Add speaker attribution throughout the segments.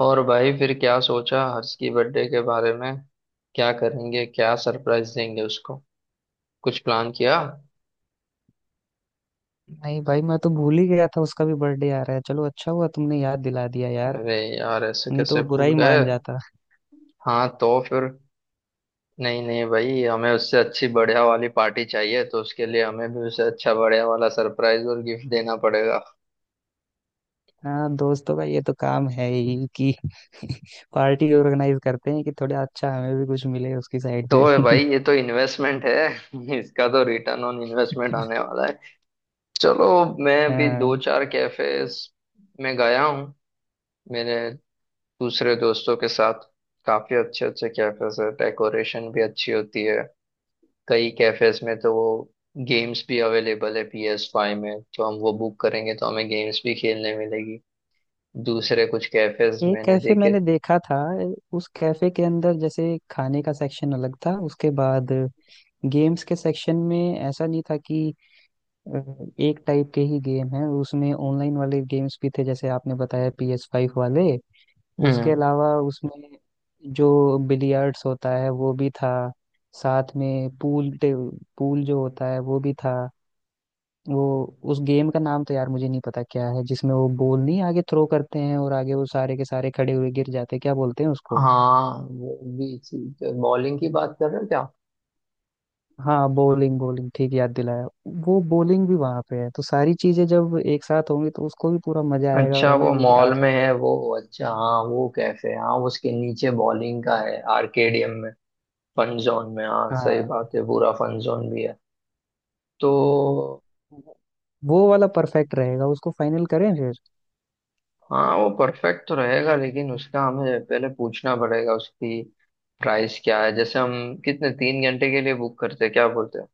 Speaker 1: और भाई फिर क्या सोचा हर्ष की बर्थडे के बारे में। क्या करेंगे, क्या सरप्राइज देंगे उसको, कुछ प्लान किया?
Speaker 2: नहीं भाई, मैं तो भूल ही गया था उसका भी बर्थडे आ रहा है। चलो अच्छा हुआ तुमने याद दिला दिया यार।
Speaker 1: अरे यार ऐसे
Speaker 2: नहीं तो
Speaker 1: कैसे
Speaker 2: वो बुरा
Speaker 1: भूल
Speaker 2: ही
Speaker 1: गए।
Speaker 2: मान जाता।
Speaker 1: हाँ तो फिर, नहीं नहीं भाई हमें उससे अच्छी बढ़िया वाली पार्टी चाहिए तो उसके लिए हमें भी उसे अच्छा बढ़िया वाला सरप्राइज और गिफ्ट देना पड़ेगा।
Speaker 2: हाँ दोस्तों का ये तो काम है ही कि पार्टी ऑर्गेनाइज करते हैं कि थोड़ा अच्छा हमें भी कुछ मिले उसकी साइड
Speaker 1: तो
Speaker 2: से।
Speaker 1: भाई ये तो इन्वेस्टमेंट है। इसका तो रिटर्न ऑन इन्वेस्टमेंट आने वाला है। चलो, मैं भी
Speaker 2: हाँ।
Speaker 1: दो चार कैफेज में गया हूँ मेरे दूसरे दोस्तों के साथ। काफी अच्छे अच्छे कैफेज है, डेकोरेशन भी अच्छी होती है। कई कैफेज में तो वो गेम्स भी अवेलेबल है, PS5 में तो हम वो बुक करेंगे तो हमें गेम्स भी खेलने मिलेगी। दूसरे कुछ कैफेज
Speaker 2: एक
Speaker 1: मैंने
Speaker 2: कैफे मैंने
Speaker 1: देखे।
Speaker 2: देखा था। उस कैफे के अंदर जैसे खाने का सेक्शन अलग था। उसके बाद गेम्स के सेक्शन में ऐसा नहीं था कि अ, एक टाइप के ही गेम है। उसमें ऑनलाइन वाले गेम्स भी थे, जैसे आपने बताया PS5 वाले। उसके
Speaker 1: हम्म।
Speaker 2: अलावा उसमें जो बिलियर्ड्स होता है वो भी था। साथ में पूल। पूल जो होता है वो भी था। वो उस गेम का नाम तो यार मुझे नहीं पता क्या है, जिसमें वो बॉल नहीं आगे थ्रो करते हैं और आगे वो सारे के सारे खड़े हुए गिर जाते हैं। क्या बोलते हैं उसको।
Speaker 1: हाँ वो भी चीज है, बॉलिंग की बात कर रहे हो क्या?
Speaker 2: हाँ, बॉलिंग, बॉलिंग, ठीक याद दिलाया। वो बॉलिंग भी वहां पे है, तो सारी चीजें जब एक साथ होंगी तो उसको भी पूरा मजा आएगा और
Speaker 1: अच्छा वो
Speaker 2: हमें भी
Speaker 1: मॉल में
Speaker 2: आखिरी
Speaker 1: है
Speaker 2: में।
Speaker 1: वो, अच्छा हाँ वो कैफे, हाँ उसके नीचे बॉलिंग का है आर्केडियम में। फन जोन में, हाँ सही
Speaker 2: हाँ,
Speaker 1: बात है, पूरा फन जोन भी है। तो,
Speaker 2: वो वाला परफेक्ट रहेगा, उसको फाइनल करें फिर।
Speaker 1: हाँ वो परफेक्ट तो रहेगा लेकिन उसका हमें पहले पूछना पड़ेगा, उसकी प्राइस क्या है, जैसे हम कितने, 3 घंटे के लिए बुक करते हैं, क्या बोलते हैं।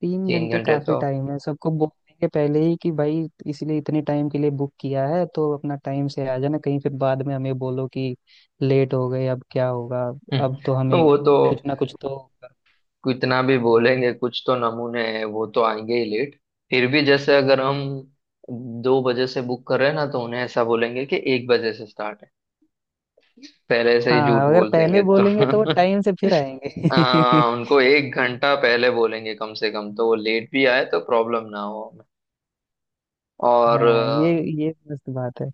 Speaker 2: तीन
Speaker 1: तीन
Speaker 2: घंटे
Speaker 1: घंटे
Speaker 2: काफी
Speaker 1: तो,
Speaker 2: टाइम है सबको बोलने के पहले ही कि भाई इसलिए इतने टाइम के लिए बुक किया है, तो अपना टाइम से आ जाना, कहीं फिर बाद में हमें बोलो कि लेट हो गए अब क्या होगा।
Speaker 1: हम्म,
Speaker 2: अब तो हमें
Speaker 1: वो तो
Speaker 2: कुछ ना कुछ तो होगा।
Speaker 1: कितना भी बोलेंगे, कुछ तो नमूने हैं वो तो आएंगे ही लेट। फिर भी जैसे अगर हम 2 बजे से बुक कर रहे हैं ना तो उन्हें ऐसा बोलेंगे कि 1 बजे से स्टार्ट है, पहले से ही झूठ
Speaker 2: हाँ अगर
Speaker 1: बोल
Speaker 2: पहले
Speaker 1: देंगे तो।
Speaker 2: बोलेंगे तो वो टाइम से फिर आएंगे।
Speaker 1: उनको 1 घंटा पहले बोलेंगे कम से कम तो वो लेट भी आए तो प्रॉब्लम ना हो। और
Speaker 2: हाँ ये मस्त बात है।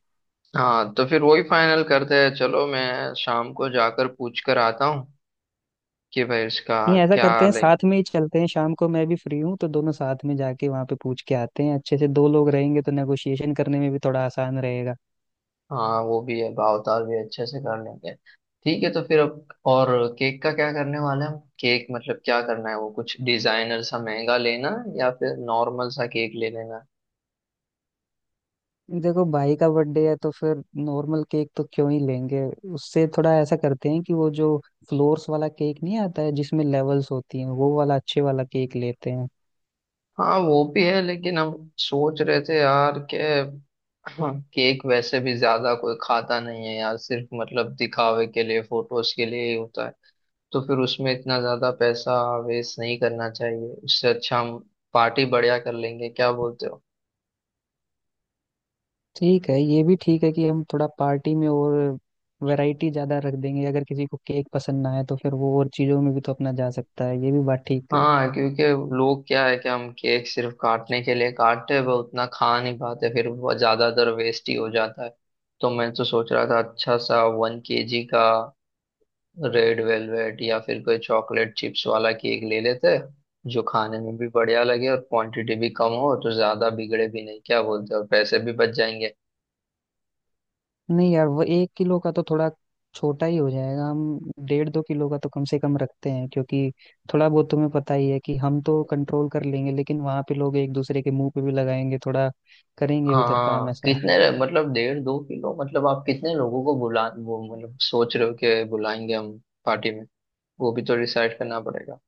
Speaker 1: हाँ तो फिर वही फाइनल करते हैं, चलो मैं शाम को जाकर पूछ कर आता हूँ कि भाई इसका
Speaker 2: नहीं ऐसा
Speaker 1: क्या
Speaker 2: करते हैं,
Speaker 1: ले।
Speaker 2: साथ में ही चलते हैं, शाम को मैं भी फ्री हूँ, तो दोनों साथ में जाके वहाँ पे पूछ के आते हैं। अच्छे से दो लोग रहेंगे तो नेगोशिएशन करने में भी थोड़ा आसान रहेगा।
Speaker 1: हाँ वो भी है, भाव ताल भी अच्छे से कर लेंगे। ठीक है तो फिर अब और केक का क्या करने वाले हैं हम? केक मतलब क्या करना है, वो कुछ डिजाइनर सा महंगा लेना है या फिर नॉर्मल सा केक ले लेना है?
Speaker 2: देखो भाई का बर्थडे है तो फिर नॉर्मल केक तो क्यों ही लेंगे। उससे थोड़ा ऐसा करते हैं कि वो जो फ्लोर्स वाला केक नहीं आता है, जिसमें लेवल्स होती हैं, वो वाला अच्छे वाला केक लेते हैं।
Speaker 1: हाँ वो भी है लेकिन हम सोच रहे थे यार के केक वैसे भी ज्यादा कोई खाता नहीं है यार, सिर्फ मतलब दिखावे के लिए, फोटोज के लिए ही होता है, तो फिर उसमें इतना ज्यादा पैसा वेस्ट नहीं करना चाहिए, उससे अच्छा हम पार्टी बढ़िया कर लेंगे, क्या बोलते हो?
Speaker 2: ठीक है, ये भी ठीक है कि हम थोड़ा पार्टी में और वैरायटी ज्यादा रख देंगे। अगर किसी को केक पसंद ना आए तो फिर वो और चीजों में भी तो अपना जा सकता है। ये भी बात ठीक है।
Speaker 1: हाँ क्योंकि लोग क्या है कि हम केक सिर्फ काटने के लिए काटते हैं, वो उतना खा नहीं पाते फिर वो ज्यादातर वेस्ट ही हो जाता है। तो मैं तो सोच रहा था अच्छा सा 1 KG का रेड वेलवेट या फिर कोई चॉकलेट चिप्स वाला केक ले लेते हैं, जो खाने में भी बढ़िया लगे और क्वांटिटी भी कम हो तो ज्यादा बिगड़े भी नहीं, क्या बोलते हो? और पैसे भी बच जाएंगे।
Speaker 2: नहीं यार वो 1 किलो का तो थोड़ा छोटा ही हो जाएगा। हम डेढ़ दो किलो का तो कम से कम रखते हैं, क्योंकि थोड़ा बहुत तुम्हें पता ही है कि हम तो कंट्रोल कर लेंगे, लेकिन वहां पे लोग एक दूसरे के मुंह पे भी लगाएंगे, थोड़ा करेंगे उधर काम
Speaker 1: हाँ
Speaker 2: ऐसा।
Speaker 1: मतलब डेढ़ दो किलो, मतलब आप कितने लोगों को बुला, वो मतलब सोच रहे हो कि बुलाएंगे हम पार्टी में? वो भी तो डिसाइड करना पड़ेगा।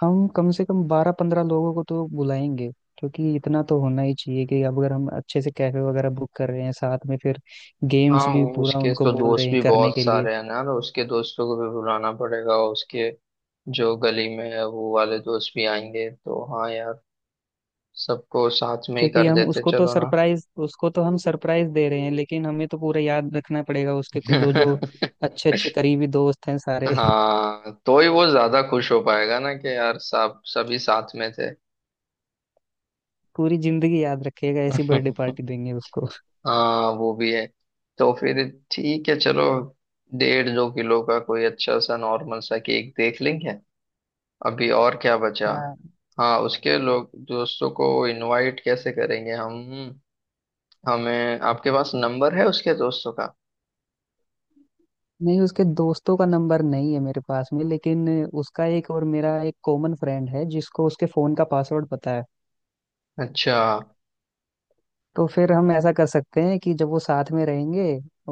Speaker 2: हम कम से कम 12 15 लोगों को तो बुलाएंगे, क्योंकि इतना तो होना ही चाहिए कि अब अगर हम अच्छे से कैफे वगैरह बुक कर रहे हैं, साथ में फिर
Speaker 1: हाँ
Speaker 2: गेम्स भी
Speaker 1: वो
Speaker 2: पूरा
Speaker 1: उसके
Speaker 2: उनको
Speaker 1: तो
Speaker 2: बोल रहे
Speaker 1: दोस्त
Speaker 2: हैं
Speaker 1: भी
Speaker 2: करने
Speaker 1: बहुत
Speaker 2: के लिए।
Speaker 1: सारे हैं ना तो उसके दोस्तों को भी बुलाना पड़ेगा, और उसके जो गली में है वो वाले दोस्त भी आएंगे, तो हाँ यार सबको साथ में ही
Speaker 2: क्योंकि
Speaker 1: कर
Speaker 2: हम
Speaker 1: देते
Speaker 2: उसको तो
Speaker 1: चलो ना।
Speaker 2: सरप्राइज, उसको तो हम सरप्राइज दे रहे हैं, लेकिन हमें तो पूरा याद रखना पड़ेगा उसके जो जो अच्छे अच्छे करीबी दोस्त हैं सारे।
Speaker 1: हाँ तो ही वो ज्यादा खुश हो पाएगा ना कि यार सब, सभी साथ में थे।
Speaker 2: पूरी जिंदगी याद रखेगा, ऐसी बर्थडे पार्टी देंगे उसको।
Speaker 1: हाँ वो भी है। तो फिर ठीक है चलो, डेढ़ दो किलो का कोई अच्छा सा नॉर्मल सा केक देख लेंगे। अभी और क्या बचा?
Speaker 2: हाँ।
Speaker 1: हाँ उसके लोग दोस्तों को इनवाइट कैसे करेंगे हम, हमें, आपके पास नंबर है उसके दोस्तों का?
Speaker 2: नहीं उसके दोस्तों का नंबर नहीं है मेरे पास में, लेकिन उसका एक और मेरा एक कॉमन फ्रेंड है जिसको उसके फोन का पासवर्ड पता है।
Speaker 1: अच्छा।
Speaker 2: तो फिर हम ऐसा कर सकते हैं कि जब वो साथ में रहेंगे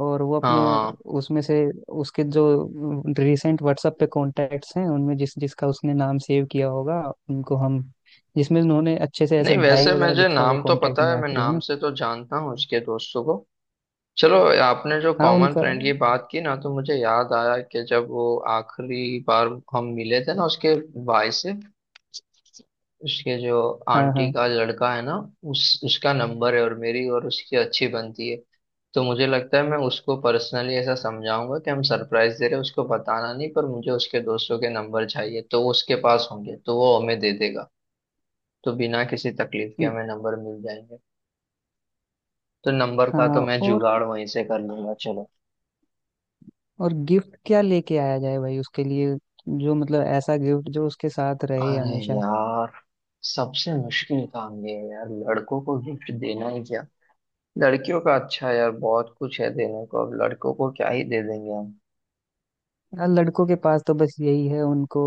Speaker 2: और वो अपने
Speaker 1: हाँ
Speaker 2: उसमें से उसके जो रिसेंट WhatsApp पे कॉन्टैक्ट्स हैं, उनमें जिस जिसका उसने नाम सेव किया होगा, उनको हम, जिसमें उन्होंने अच्छे से ऐसे
Speaker 1: नहीं
Speaker 2: भाई
Speaker 1: वैसे
Speaker 2: वगैरह
Speaker 1: मुझे
Speaker 2: लिखा होगा
Speaker 1: नाम तो
Speaker 2: कॉन्टैक्ट
Speaker 1: पता
Speaker 2: में
Speaker 1: है, मैं
Speaker 2: आखिरी
Speaker 1: नाम
Speaker 2: में।
Speaker 1: से तो जानता हूँ उसके दोस्तों को। चलो, आपने जो
Speaker 2: हाँ
Speaker 1: कॉमन
Speaker 2: उनका।
Speaker 1: फ्रेंड की बात की ना तो मुझे याद आया कि जब वो आखिरी बार हम मिले थे ना उसके भाई से, उसके जो
Speaker 2: हाँ
Speaker 1: आंटी
Speaker 2: हाँ।
Speaker 1: का लड़का है ना, उस उसका नंबर है और मेरी और उसकी अच्छी बनती है। तो मुझे लगता है मैं उसको पर्सनली ऐसा समझाऊंगा कि हम सरप्राइज दे रहे हैं, उसको बताना नहीं पर मुझे उसके दोस्तों के नंबर चाहिए, तो वो उसके पास होंगे तो वो हमें दे देगा, तो बिना किसी तकलीफ के
Speaker 2: उम,
Speaker 1: हमें नंबर मिल जाएंगे। तो नंबर का तो
Speaker 2: हाँ।
Speaker 1: मैं जुगाड़ वहीं से कर लूंगा चलो।
Speaker 2: और गिफ्ट क्या लेके आया जाए भाई उसके लिए, जो मतलब ऐसा गिफ्ट जो उसके साथ रहे
Speaker 1: अरे
Speaker 2: हमेशा।
Speaker 1: यार सबसे मुश्किल काम ये है यार, लड़कों को गिफ्ट देना ही क्या! लड़कियों का अच्छा है यार, बहुत कुछ है देने को, अब लड़कों को क्या ही दे देंगे हम।
Speaker 2: यार लड़कों के पास तो बस यही है, उनको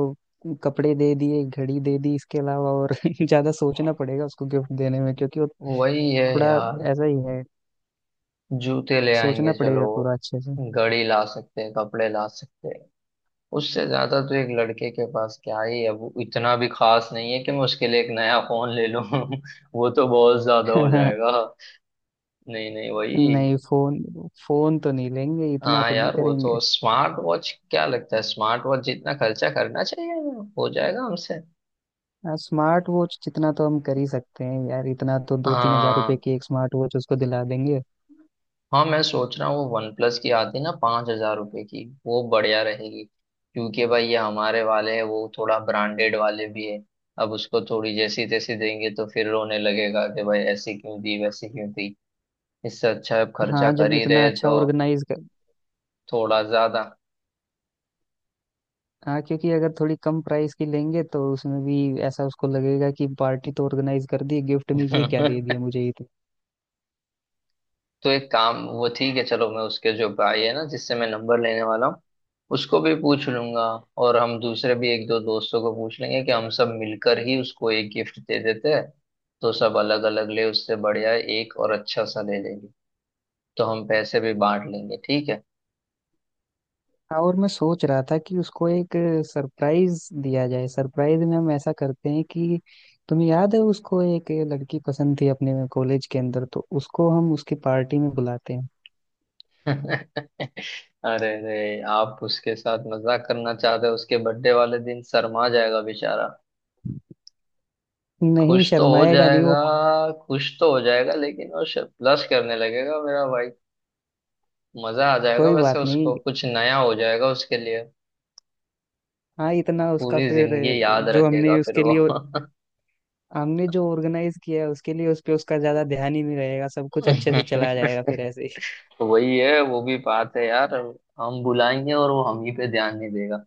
Speaker 2: कपड़े दे दिए, घड़ी दे दी, इसके अलावा और ज्यादा सोचना पड़ेगा उसको गिफ्ट देने में, क्योंकि वो
Speaker 1: वही है
Speaker 2: थोड़ा
Speaker 1: यार,
Speaker 2: ऐसा ही है।
Speaker 1: जूते ले आएंगे
Speaker 2: सोचना
Speaker 1: चलो,
Speaker 2: पड़ेगा पूरा अच्छे से।
Speaker 1: घड़ी ला सकते हैं, कपड़े ला सकते हैं, उससे ज्यादा तो एक लड़के के पास क्या ही है। वो इतना भी खास नहीं है कि मैं उसके लिए एक नया फोन ले लूं। वो तो बहुत ज्यादा हो जाएगा। नहीं नहीं वही,
Speaker 2: नहीं फोन, फोन तो नहीं लेंगे, इतना
Speaker 1: हाँ
Speaker 2: तो नहीं
Speaker 1: यार वो
Speaker 2: करेंगे।
Speaker 1: तो स्मार्ट वॉच, क्या लगता है? स्मार्ट वॉच जितना खर्चा करना चाहिए वो हो जाएगा हमसे।
Speaker 2: हाँ, स्मार्ट वॉच जितना तो हम कर ही सकते हैं यार, इतना तो। 2 3 हजार रुपए
Speaker 1: हाँ।
Speaker 2: की एक स्मार्ट वॉच उसको दिला देंगे।
Speaker 1: हाँ मैं सोच रहा हूँ वो वन प्लस की आती ना 5,000 रुपये की, वो बढ़िया रहेगी, क्योंकि भाई ये हमारे वाले हैं वो थोड़ा ब्रांडेड वाले भी है, अब उसको थोड़ी जैसी तैसी देंगे तो फिर रोने लगेगा कि भाई ऐसी क्यों दी, वैसी क्यों दी। इससे अच्छा है, अब खर्चा
Speaker 2: हाँ
Speaker 1: कर
Speaker 2: जब
Speaker 1: ही
Speaker 2: इतना
Speaker 1: रहे
Speaker 2: अच्छा
Speaker 1: तो
Speaker 2: ऑर्गेनाइज।
Speaker 1: थोड़ा ज्यादा।
Speaker 2: हाँ क्योंकि अगर थोड़ी कम प्राइस की लेंगे तो उसमें भी ऐसा उसको लगेगा कि पार्टी तो ऑर्गेनाइज कर दी, गिफ्ट में ये क्या दे दिया मुझे, ये तो।
Speaker 1: तो एक काम, वो ठीक है चलो, मैं उसके जो भाई है ना जिससे मैं नंबर लेने वाला हूँ उसको भी पूछ लूंगा, और हम दूसरे भी एक दो दोस्तों को पूछ लेंगे कि हम सब मिलकर ही उसको एक गिफ्ट दे देते हैं, तो सब अलग अलग ले उससे बढ़िया एक और अच्छा सा ले लेंगे, तो हम पैसे भी बांट लेंगे। ठीक है।
Speaker 2: हाँ, और मैं सोच रहा था कि उसको एक सरप्राइज दिया जाए। सरप्राइज में हम ऐसा करते हैं कि तुम्हें याद है उसको एक लड़की पसंद थी अपने कॉलेज के अंदर, तो उसको हम उसकी पार्टी में बुलाते हैं।
Speaker 1: अरे अरे आप उसके साथ मजाक करना चाहते हो, उसके बर्थडे वाले दिन शर्मा जाएगा बेचारा!
Speaker 2: नहीं
Speaker 1: खुश तो हो
Speaker 2: शर्माएगा नहीं वो।
Speaker 1: जाएगा, खुश तो हो जाएगा लेकिन वो ब्लश करने लगेगा मेरा भाई। मजा आ जाएगा
Speaker 2: कोई
Speaker 1: वैसे,
Speaker 2: बात नहीं।
Speaker 1: उसको कुछ नया हो जाएगा उसके लिए।
Speaker 2: हाँ इतना उसका
Speaker 1: पूरी
Speaker 2: फिर
Speaker 1: जिंदगी याद
Speaker 2: जो हमने
Speaker 1: रखेगा फिर
Speaker 2: उसके
Speaker 1: वो।
Speaker 2: लिए, हमने जो ऑर्गेनाइज किया है उसके लिए, उस पे उसका ज्यादा ध्यान ही नहीं रहेगा, सब कुछ अच्छे से चला जाएगा फिर ऐसे ही।
Speaker 1: वही है, वो भी बात है यार, हम बुलाएंगे और वो हम ही पे ध्यान नहीं देगा,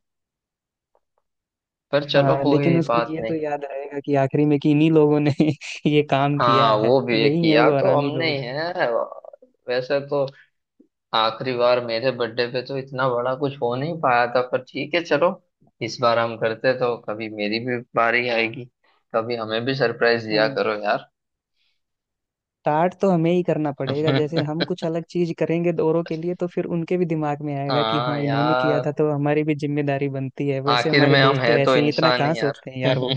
Speaker 1: पर चलो
Speaker 2: हाँ लेकिन
Speaker 1: कोई
Speaker 2: उसको
Speaker 1: बात
Speaker 2: ये तो
Speaker 1: नहीं।
Speaker 2: याद रहेगा कि आखिरी में कि इन्हीं लोगों ने ये काम किया
Speaker 1: हाँ
Speaker 2: है,
Speaker 1: वो भी
Speaker 2: यही है
Speaker 1: किया
Speaker 2: वो
Speaker 1: तो
Speaker 2: हरामी
Speaker 1: हमने ही
Speaker 2: लोग।
Speaker 1: है वैसे तो। आखिरी बार मेरे बर्थडे पे तो इतना बड़ा कुछ हो नहीं पाया था पर ठीक है चलो, इस बार हम करते तो कभी मेरी भी बारी आएगी, कभी हमें भी सरप्राइज दिया
Speaker 2: हाँ,
Speaker 1: करो यार।
Speaker 2: स्टार्ट तो हमें ही करना पड़ेगा। जैसे हम कुछ अलग चीज करेंगे औरों के लिए तो फिर उनके भी दिमाग में आएगा कि
Speaker 1: हाँ
Speaker 2: हाँ इन्होंने किया था
Speaker 1: यार,
Speaker 2: तो हमारी भी जिम्मेदारी बनती है। वैसे
Speaker 1: आखिर
Speaker 2: हमारे
Speaker 1: में हम
Speaker 2: दोस्त तो
Speaker 1: है तो
Speaker 2: ऐसे ही, इतना
Speaker 1: इंसान
Speaker 2: कहाँ
Speaker 1: ही यार।
Speaker 2: सोचते हैं यार वो।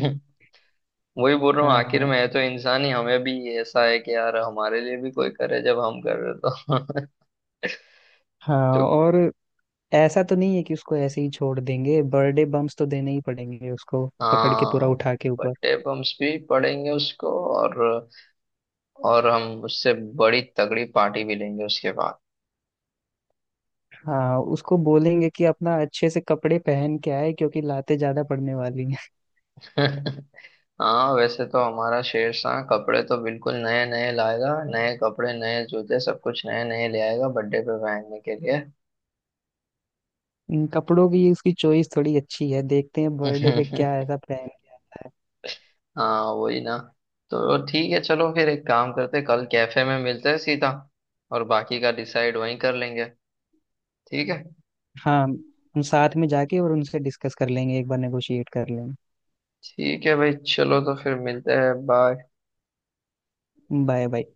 Speaker 1: वही बोल रहा हूँ, आखिर
Speaker 2: हाँ।
Speaker 1: में है तो इंसान ही, हमें भी ऐसा है कि यार हमारे लिए भी कोई करे जब हम कर रहे तो।
Speaker 2: हाँ
Speaker 1: तो
Speaker 2: और ऐसा तो नहीं है कि उसको ऐसे ही छोड़ देंगे, बर्थडे बम्स तो देने ही पड़ेंगे उसको, पकड़ के पूरा
Speaker 1: हाँ,
Speaker 2: उठा के ऊपर।
Speaker 1: बर्थडे बम्स भी पड़ेंगे उसको, और और हम उससे बड़ी तगड़ी पार्टी भी लेंगे उसके बाद।
Speaker 2: हाँ उसको बोलेंगे कि अपना अच्छे से कपड़े पहन के आए क्योंकि लातें ज्यादा पड़ने वाली हैं।
Speaker 1: हाँ वैसे तो हमारा शेरशाह कपड़े तो बिल्कुल नए नए लाएगा, नए कपड़े, नए जूते, सब कुछ नए नए ले आएगा बर्थडे पे पहनने के लिए।
Speaker 2: इन कपड़ों की, उसकी चॉइस थोड़ी अच्छी है, देखते हैं बर्थडे पे क्या ऐसा पहनता है।
Speaker 1: हाँ वही ना। तो ठीक है चलो फिर एक काम करते हैं, कल कैफे में मिलते हैं सीधा, और बाकी का डिसाइड वहीं कर लेंगे, ठीक है।
Speaker 2: हाँ। हम साथ में जाके और उनसे डिस्कस कर लेंगे, एक बार नेगोशिएट कर लेंगे।
Speaker 1: ठीक है भाई चलो तो फिर मिलते हैं, बाय।
Speaker 2: Bye bye.